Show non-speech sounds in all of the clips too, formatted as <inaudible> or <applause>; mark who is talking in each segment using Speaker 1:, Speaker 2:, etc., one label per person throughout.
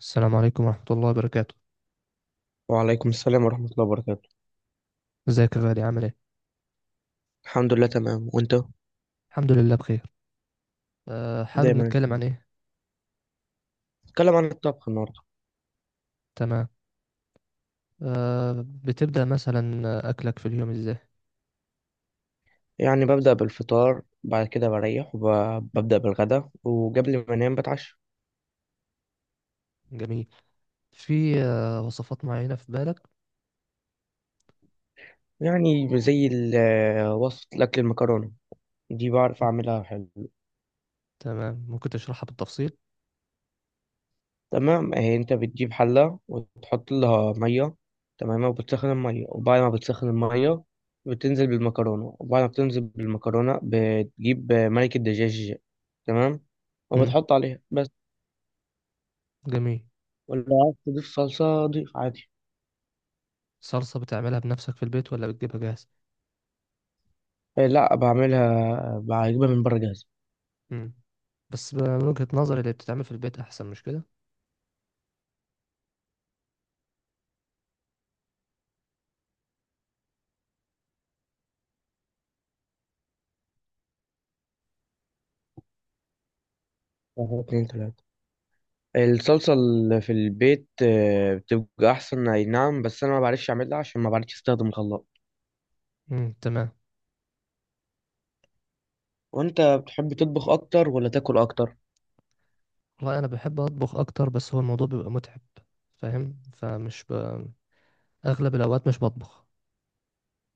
Speaker 1: السلام عليكم ورحمة الله وبركاته.
Speaker 2: وعليكم السلام ورحمة الله وبركاته.
Speaker 1: ازيك يا غالي، عامل ايه؟
Speaker 2: الحمد لله، تمام، وانت؟
Speaker 1: الحمد لله بخير. حابب
Speaker 2: دايما
Speaker 1: نتكلم عن ايه؟
Speaker 2: نتكلم عن الطبخ النهاردة.
Speaker 1: تمام. بتبدأ مثلا، أكلك في اليوم ازاي؟
Speaker 2: يعني ببدأ بالفطار، بعد كده بريح وببدأ بالغدا، وقبل ما انام بتعشى.
Speaker 1: جميل. في وصفات معينة في بالك؟
Speaker 2: يعني زي وصفة الأكل المكرونة دي بعرف أعملها حلو.
Speaker 1: تمام، ممكن تشرحها بالتفصيل؟
Speaker 2: تمام، اهي انت بتجيب حلة وتحط لها مية، تمام، وبتسخن المية، وبعد ما بتسخن المية بتنزل بالمكرونة، وبعد ما بتنزل بالمكرونة بتجيب ملك الدجاج، تمام،
Speaker 1: مم.
Speaker 2: وبتحط عليها بس.
Speaker 1: جميل.
Speaker 2: ولا عايز تضيف صلصة، ضيف عادي.
Speaker 1: صلصة بتعملها بنفسك في البيت ولا بتجيبها جاهز؟
Speaker 2: إيه، لا بعملها، بجيبها من بره جاهزة.
Speaker 1: مم. بس من وجهة نظري اللي بتتعمل في البيت أحسن، مش كده؟
Speaker 2: واحد اتنين تلاتة، الصلصة اللي في البيت بتبقى أحسن، أي نعم، بس أنا ما بعرفش أعملها عشان ما بعرفش أستخدم الخلاط.
Speaker 1: مم. تمام.
Speaker 2: وأنت بتحب تطبخ أكتر ولا تاكل أكتر؟
Speaker 1: والله أنا بحب أطبخ أكتر، بس هو الموضوع بيبقى متعب، فاهم؟ أغلب الأوقات مش بطبخ.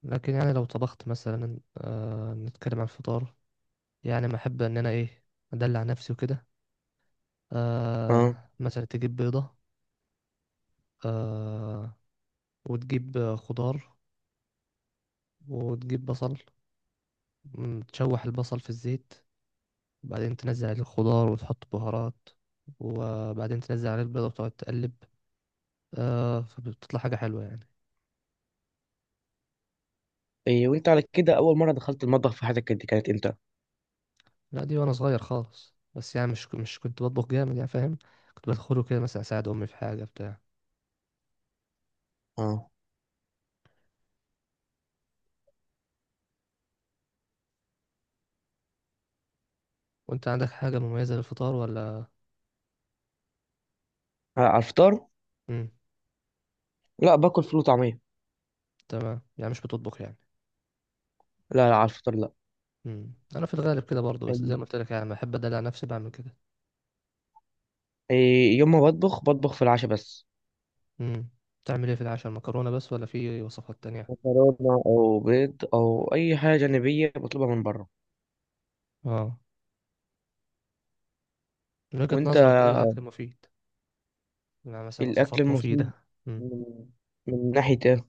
Speaker 1: لكن يعني لو طبخت مثلا، نتكلم عن الفطار. يعني ما احب ان انا ايه، ادلع نفسي وكده.
Speaker 2: أه.
Speaker 1: مثلا تجيب بيضة، آه وتجيب خضار، وتجيب بصل، تشوح البصل في الزيت، وبعدين تنزل عليه الخضار وتحط بهارات، وبعدين تنزل عليه البيضة وتقعد تقلب. فبتطلع حاجة حلوة يعني.
Speaker 2: إيه، وأنت على كده، أول مرة دخلت المطبخ في حياتك كانت إمتى؟
Speaker 1: لا، دي وانا صغير خالص، بس يعني مش كنت بطبخ جامد يعني، فاهم. كنت بدخله كده مثلا اساعد امي في حاجة بتاع.
Speaker 2: أه،
Speaker 1: وانت عندك حاجة مميزة للفطار ولا؟
Speaker 2: على الفطار؟
Speaker 1: امم.
Speaker 2: لا، باكل فول وطعمية.
Speaker 1: تمام، يعني مش بتطبخ يعني.
Speaker 2: لا لا، على الفطار لا.
Speaker 1: انا في الغالب كده برضه، بس زي ما قلت لك، يعني لما احب ادلع نفسي بعمل كده.
Speaker 2: إيه، يوم ما بطبخ بطبخ في العشاء بس.
Speaker 1: امم. تعمل ايه في العشاء؟ المكرونه بس ولا في وصفات تانية؟
Speaker 2: مكرونة أو بيض أو أي حاجة جانبية بطلبها من بره.
Speaker 1: اه. من وجهة
Speaker 2: وأنت.
Speaker 1: نظرك ايه الاكل مفيد؟ يعني مثلا
Speaker 2: الأكل
Speaker 1: وصفات
Speaker 2: المفيد
Speaker 1: مفيده.
Speaker 2: من من ناحية إيه؟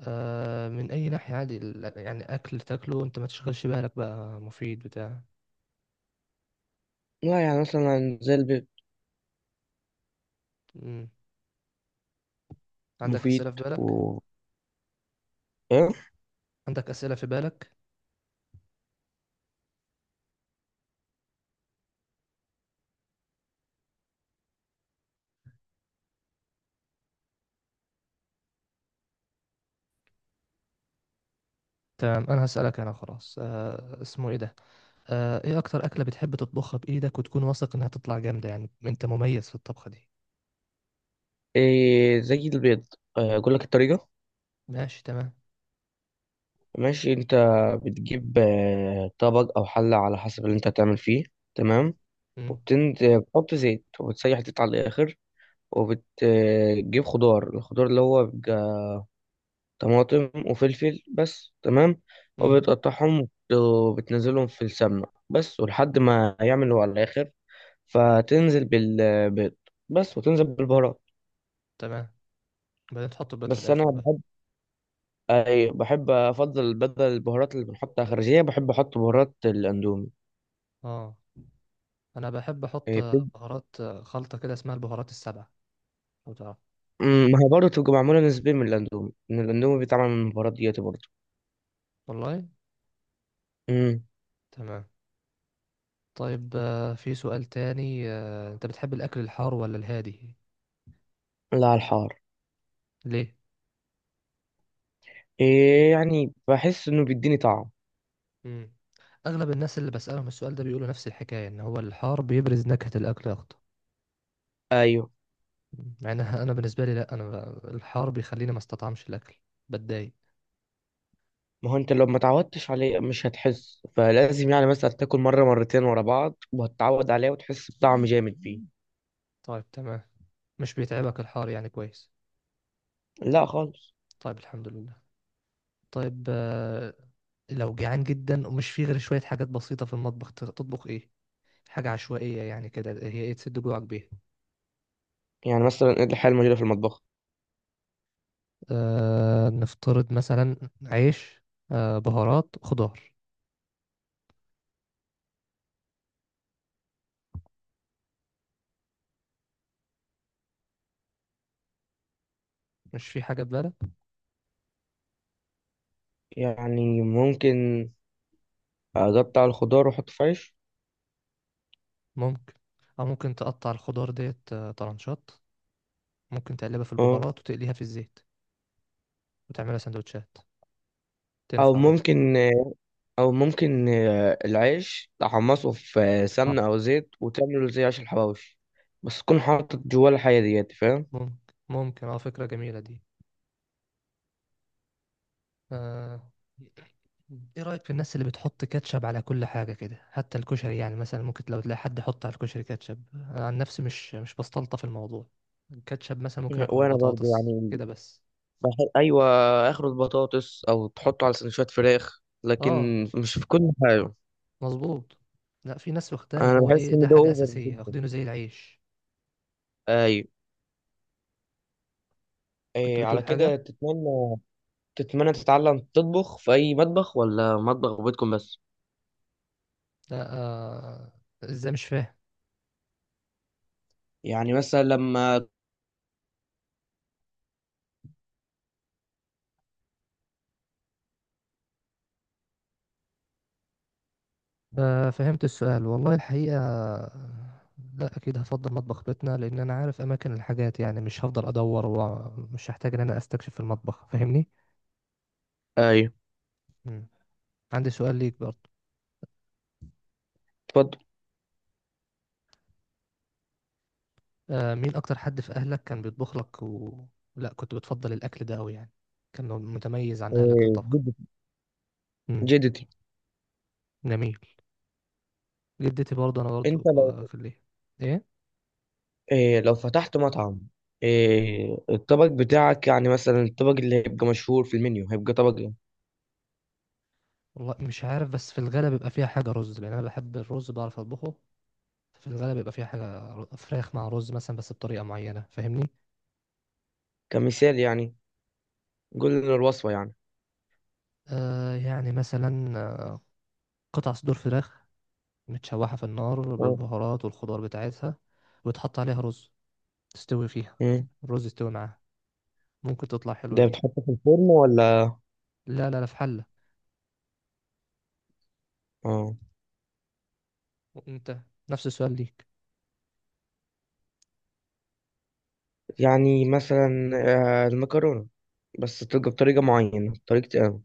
Speaker 1: من اي ناحيه؟ عادي، يعني اكل تاكله انت ما تشغلش بالك، بقى مفيد بتاع.
Speaker 2: لا، يعني مثلا زي البيض.
Speaker 1: امم. عندك
Speaker 2: مفيد
Speaker 1: اسئله في بالك؟
Speaker 2: و إيه؟
Speaker 1: عندك اسئله في بالك؟ تمام، انا هسالك، انا خلاص. اسمه ايه ده، ايه اكتر اكلة بتحب تطبخها بايدك وتكون واثق انها تطلع جامدة، يعني انت مميز في الطبخة دي؟
Speaker 2: إيه، زي البيض. أقول لك الطريقة.
Speaker 1: ماشي، تمام.
Speaker 2: ماشي. أنت بتجيب طبق أو حلة على حسب اللي أنت هتعمل فيه. تمام،
Speaker 1: امم.
Speaker 2: وبتنزل بتحط زيت وبتسيح زيت على الآخر. وبتجيب خضار، الخضار اللي هو بيبقى طماطم وفلفل بس، تمام.
Speaker 1: امم.
Speaker 2: وبتقطعهم وبتنزلهم في السمنة بس، ولحد ما يعملوا على الآخر فتنزل بالبيض بس وتنزل بالبهارات.
Speaker 1: تمام، بعدين تحط البيض في
Speaker 2: بس انا
Speaker 1: الاخر بقى؟
Speaker 2: بحب، أي بحب افضل، بدل البهارات اللي بنحطها خارجيه بحب احط بهارات الاندومي.
Speaker 1: اه. انا بحب احط
Speaker 2: إيه،
Speaker 1: بهارات خلطة كده اسمها البهارات السبعة، لو تعرف.
Speaker 2: ما هي برضه تبقى معموله نسبيا من الاندومي، ان الاندومي بيتعمل من البهارات ديت برضه.
Speaker 1: والله.
Speaker 2: امم.
Speaker 1: تمام. طيب، في سؤال تاني، انت بتحب الاكل الحار ولا الهادي؟
Speaker 2: لا، على الحار.
Speaker 1: ليه؟
Speaker 2: إيه، يعني بحس انه بيديني طعم.
Speaker 1: امم. اغلب الناس اللي بسألهم السؤال ده بيقولوا نفس الحكاية، ان هو الحار بيبرز نكهة الاكل اكتر.
Speaker 2: ايوه،
Speaker 1: يعني انا بالنسبه لي، لا، انا، الحار بيخليني ما استطعمش الاكل، بتضايق.
Speaker 2: ما هو انت لو ما تعودتش عليه مش هتحس، فلازم يعني مثلا تاكل مره مرتين ورا بعض وهتتعود عليه وتحس بطعم جامد فيه.
Speaker 1: طيب، تمام. مش بيتعبك الحار يعني، كويس.
Speaker 2: لا خالص.
Speaker 1: طيب، الحمد لله. طيب، لو جعان جدا ومش فيه غير شويه حاجات بسيطه في المطبخ، تطبخ ايه؟ حاجه عشوائيه يعني كده، هي ايه تسد جوعك بيها؟
Speaker 2: يعني مثلا ايه الحاجه الموجوده في المطبخ؟
Speaker 1: نفترض مثلا عيش، بهارات، خضار. مش في حاجه في بالك؟
Speaker 2: يعني ممكن اقطع الخضار واحطه في عيش.
Speaker 1: ممكن. او ممكن تقطع الخضار ديت طرنشات، ممكن تقلبها في
Speaker 2: اه.
Speaker 1: البهارات وتقليها في الزيت، وتعملها سندوتشات،
Speaker 2: او
Speaker 1: تنفع برضه.
Speaker 2: ممكن او ممكن العيش تحمصه في
Speaker 1: آه.
Speaker 2: سمنه او زيت وتعمله زي عيش الحواوشي، بس تكون حاطط جواه الحاجه ديت، فاهم.
Speaker 1: ممكن ممكن، فكرة جميلة دي. آه. ايه رأيك في الناس اللي بتحط كاتشب على كل حاجة كده، حتى الكشري؟ يعني مثلا ممكن لو تلاقي حد يحط على الكشري كاتشب، أنا عن نفسي مش بستلطف الموضوع. الكاتشب مثلا ممكن اكله على
Speaker 2: وانا برضو
Speaker 1: البطاطس
Speaker 2: يعني
Speaker 1: كده بس.
Speaker 2: بحب، ايوه، اخر البطاطس، او تحطه على سندوتشات فراخ،
Speaker 1: اه،
Speaker 2: لكن مش في كل حاجه.
Speaker 1: مظبوط. لا، في ناس واخداه ان
Speaker 2: انا
Speaker 1: هو،
Speaker 2: بحس
Speaker 1: ايه،
Speaker 2: ان
Speaker 1: ده
Speaker 2: ده
Speaker 1: حاجة
Speaker 2: اوفر
Speaker 1: أساسية،
Speaker 2: جدا.
Speaker 1: واخدينه زي العيش.
Speaker 2: ايوه،
Speaker 1: كنت
Speaker 2: إيه على
Speaker 1: بتقول
Speaker 2: كده
Speaker 1: حاجة؟
Speaker 2: تتمنى تتعلم تطبخ في اي مطبخ ولا مطبخ بيتكم بس؟
Speaker 1: لا. آه. ازاي؟ مش فاهم.
Speaker 2: يعني مثلا لما.
Speaker 1: فهمت السؤال والله الحقيقة. لا، أكيد هفضل مطبخ بيتنا، لأن أنا عارف أماكن الحاجات، يعني مش هفضل أدور ومش هحتاج إن أنا أستكشف في المطبخ، فاهمني؟
Speaker 2: ايوه.
Speaker 1: مم. عندي سؤال ليك برضه.
Speaker 2: اتفضل.
Speaker 1: مين أكتر حد في أهلك كان بيطبخ لك و لا كنت بتفضل الأكل ده أوي يعني، كان متميز عن أهلك في
Speaker 2: إيه،
Speaker 1: الطبخ؟
Speaker 2: جدتي.
Speaker 1: مم.
Speaker 2: جدتي.
Speaker 1: جميل. جدتي برضه، أنا
Speaker 2: انت
Speaker 1: برضه
Speaker 2: لو،
Speaker 1: في الإيه؟ إيه؟
Speaker 2: إيه، لو فتحت مطعم، إيه، الطبق بتاعك، يعني مثلا الطبق اللي هيبقى مشهور في المنيو، هيبقى طبق ايه؟
Speaker 1: والله مش عارف، بس في الغالب بيبقى فيها حاجة رز، لأن أنا بحب الرز، بعرف أطبخه. في الغالب بيبقى فيها حاجة فراخ مع رز مثلا، بس بطريقة معينة، فاهمني.
Speaker 2: كمثال يعني، قول لنا الوصفة يعني.
Speaker 1: يعني مثلا، قطع صدور فراخ متشوحة في النار
Speaker 2: اه.
Speaker 1: بالبهارات والخضار بتاعتها، وتحط عليها رز تستوي فيها،
Speaker 2: مم.
Speaker 1: الرز يستوي معاها، ممكن تطلع حلوة
Speaker 2: ده
Speaker 1: دي.
Speaker 2: بتحطه في الفرن ولا؟
Speaker 1: لا، لا، لا، في حلة.
Speaker 2: اه.
Speaker 1: وانت، نفس السؤال ليك.
Speaker 2: يعني مثلا المكرونة، بس تبقى بطريقة معينة، طريقة اه،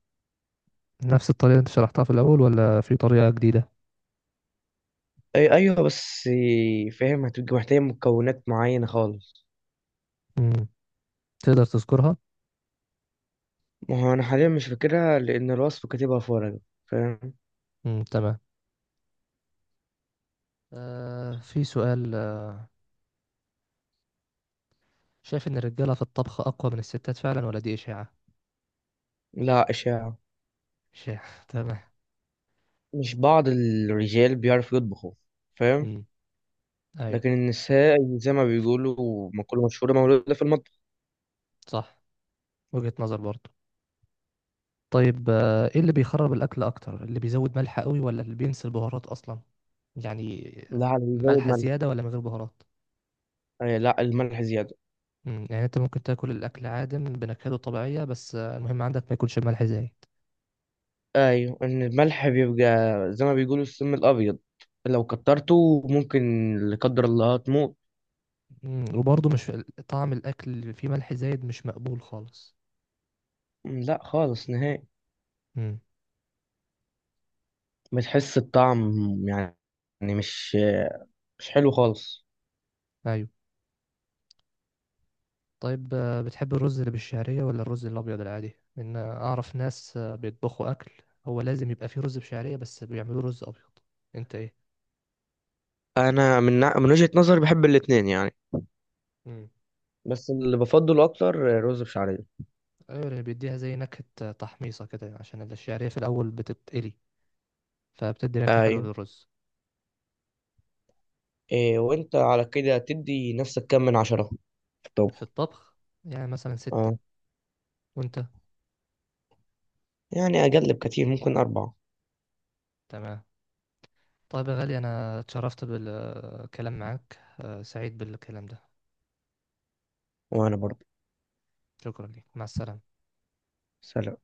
Speaker 1: نفس الطريقة اللي انت شرحتها في الأول ولا في طريقة جديدة؟
Speaker 2: أي أيوه، بس فاهم، هتبقى محتاجة مكونات معينة خالص.
Speaker 1: مم. تقدر تذكرها؟
Speaker 2: ما هو أنا حاليا مش فاكرها لأن الوصفة كاتبها في ورقة، فاهم.
Speaker 1: مم. تمام. في سؤال، شايف ان الرجالة في الطبخ أقوى من الستات فعلا ولا دي إشاعة؟
Speaker 2: لا، إشاعة.
Speaker 1: إشاعة. <laughs> تمام.
Speaker 2: مش بعض الرجال بيعرفوا يطبخوا، فاهم.
Speaker 1: مم. أيوه.
Speaker 2: لكن النساء، زي ما بيقولوا مقولة مشهورة، مولودة في المطبخ.
Speaker 1: صح، وجهة نظر برضه. طيب، ايه اللي بيخرب الاكل اكتر، اللي بيزود ملح قوي ولا اللي بينسى البهارات اصلا؟ يعني
Speaker 2: لا، اللي بيزود
Speaker 1: ملح
Speaker 2: ملح.
Speaker 1: زيادة ولا من غير بهارات؟
Speaker 2: آه، لا، الملح زيادة.
Speaker 1: يعني انت ممكن تاكل الاكل عادم بنكهته طبيعية، بس المهم عندك ما يكونش ملح زايد.
Speaker 2: أيوة، إن الملح بيبقى زي ما بيقولوا السم الأبيض، لو كترته ممكن، لا قدر الله، تموت.
Speaker 1: وبرضه مش، طعم الاكل اللي فيه ملح زايد مش مقبول خالص.
Speaker 2: لا، خالص نهائي،
Speaker 1: مم،
Speaker 2: بتحس الطعم، يعني مش مش حلو خالص.
Speaker 1: ايوه. طيب، بتحب الرز اللي بالشعرية ولا الرز الابيض العادي؟ ان اعرف ناس بيطبخوا اكل هو لازم يبقى فيه رز بشعرية، بس بيعملوه رز ابيض. انت ايه؟
Speaker 2: أنا من وجهة نظري بحب الاتنين يعني.
Speaker 1: مم.
Speaker 2: بس اللي بفضله أكتر رز بشعرية.
Speaker 1: ايوه، اللي بيديها زي نكهة تحميصة كده، عشان الشعرية في الأول بتتقلي، فبتدي نكهة حلوة
Speaker 2: أيوة.
Speaker 1: للرز.
Speaker 2: إيه وانت على كده تدي نفسك كام من 10 في
Speaker 1: في
Speaker 2: الطبخ؟
Speaker 1: الطبخ، يعني مثلا
Speaker 2: اه.
Speaker 1: ستة. وانت؟
Speaker 2: يعني اقل بكتير، ممكن اربعة.
Speaker 1: تمام. طيب يا غالي، أنا اتشرفت بالكلام معاك، سعيد بالكلام ده.
Speaker 2: وانا برضه.
Speaker 1: شكرا ليك، مع السلامة.
Speaker 2: سلام.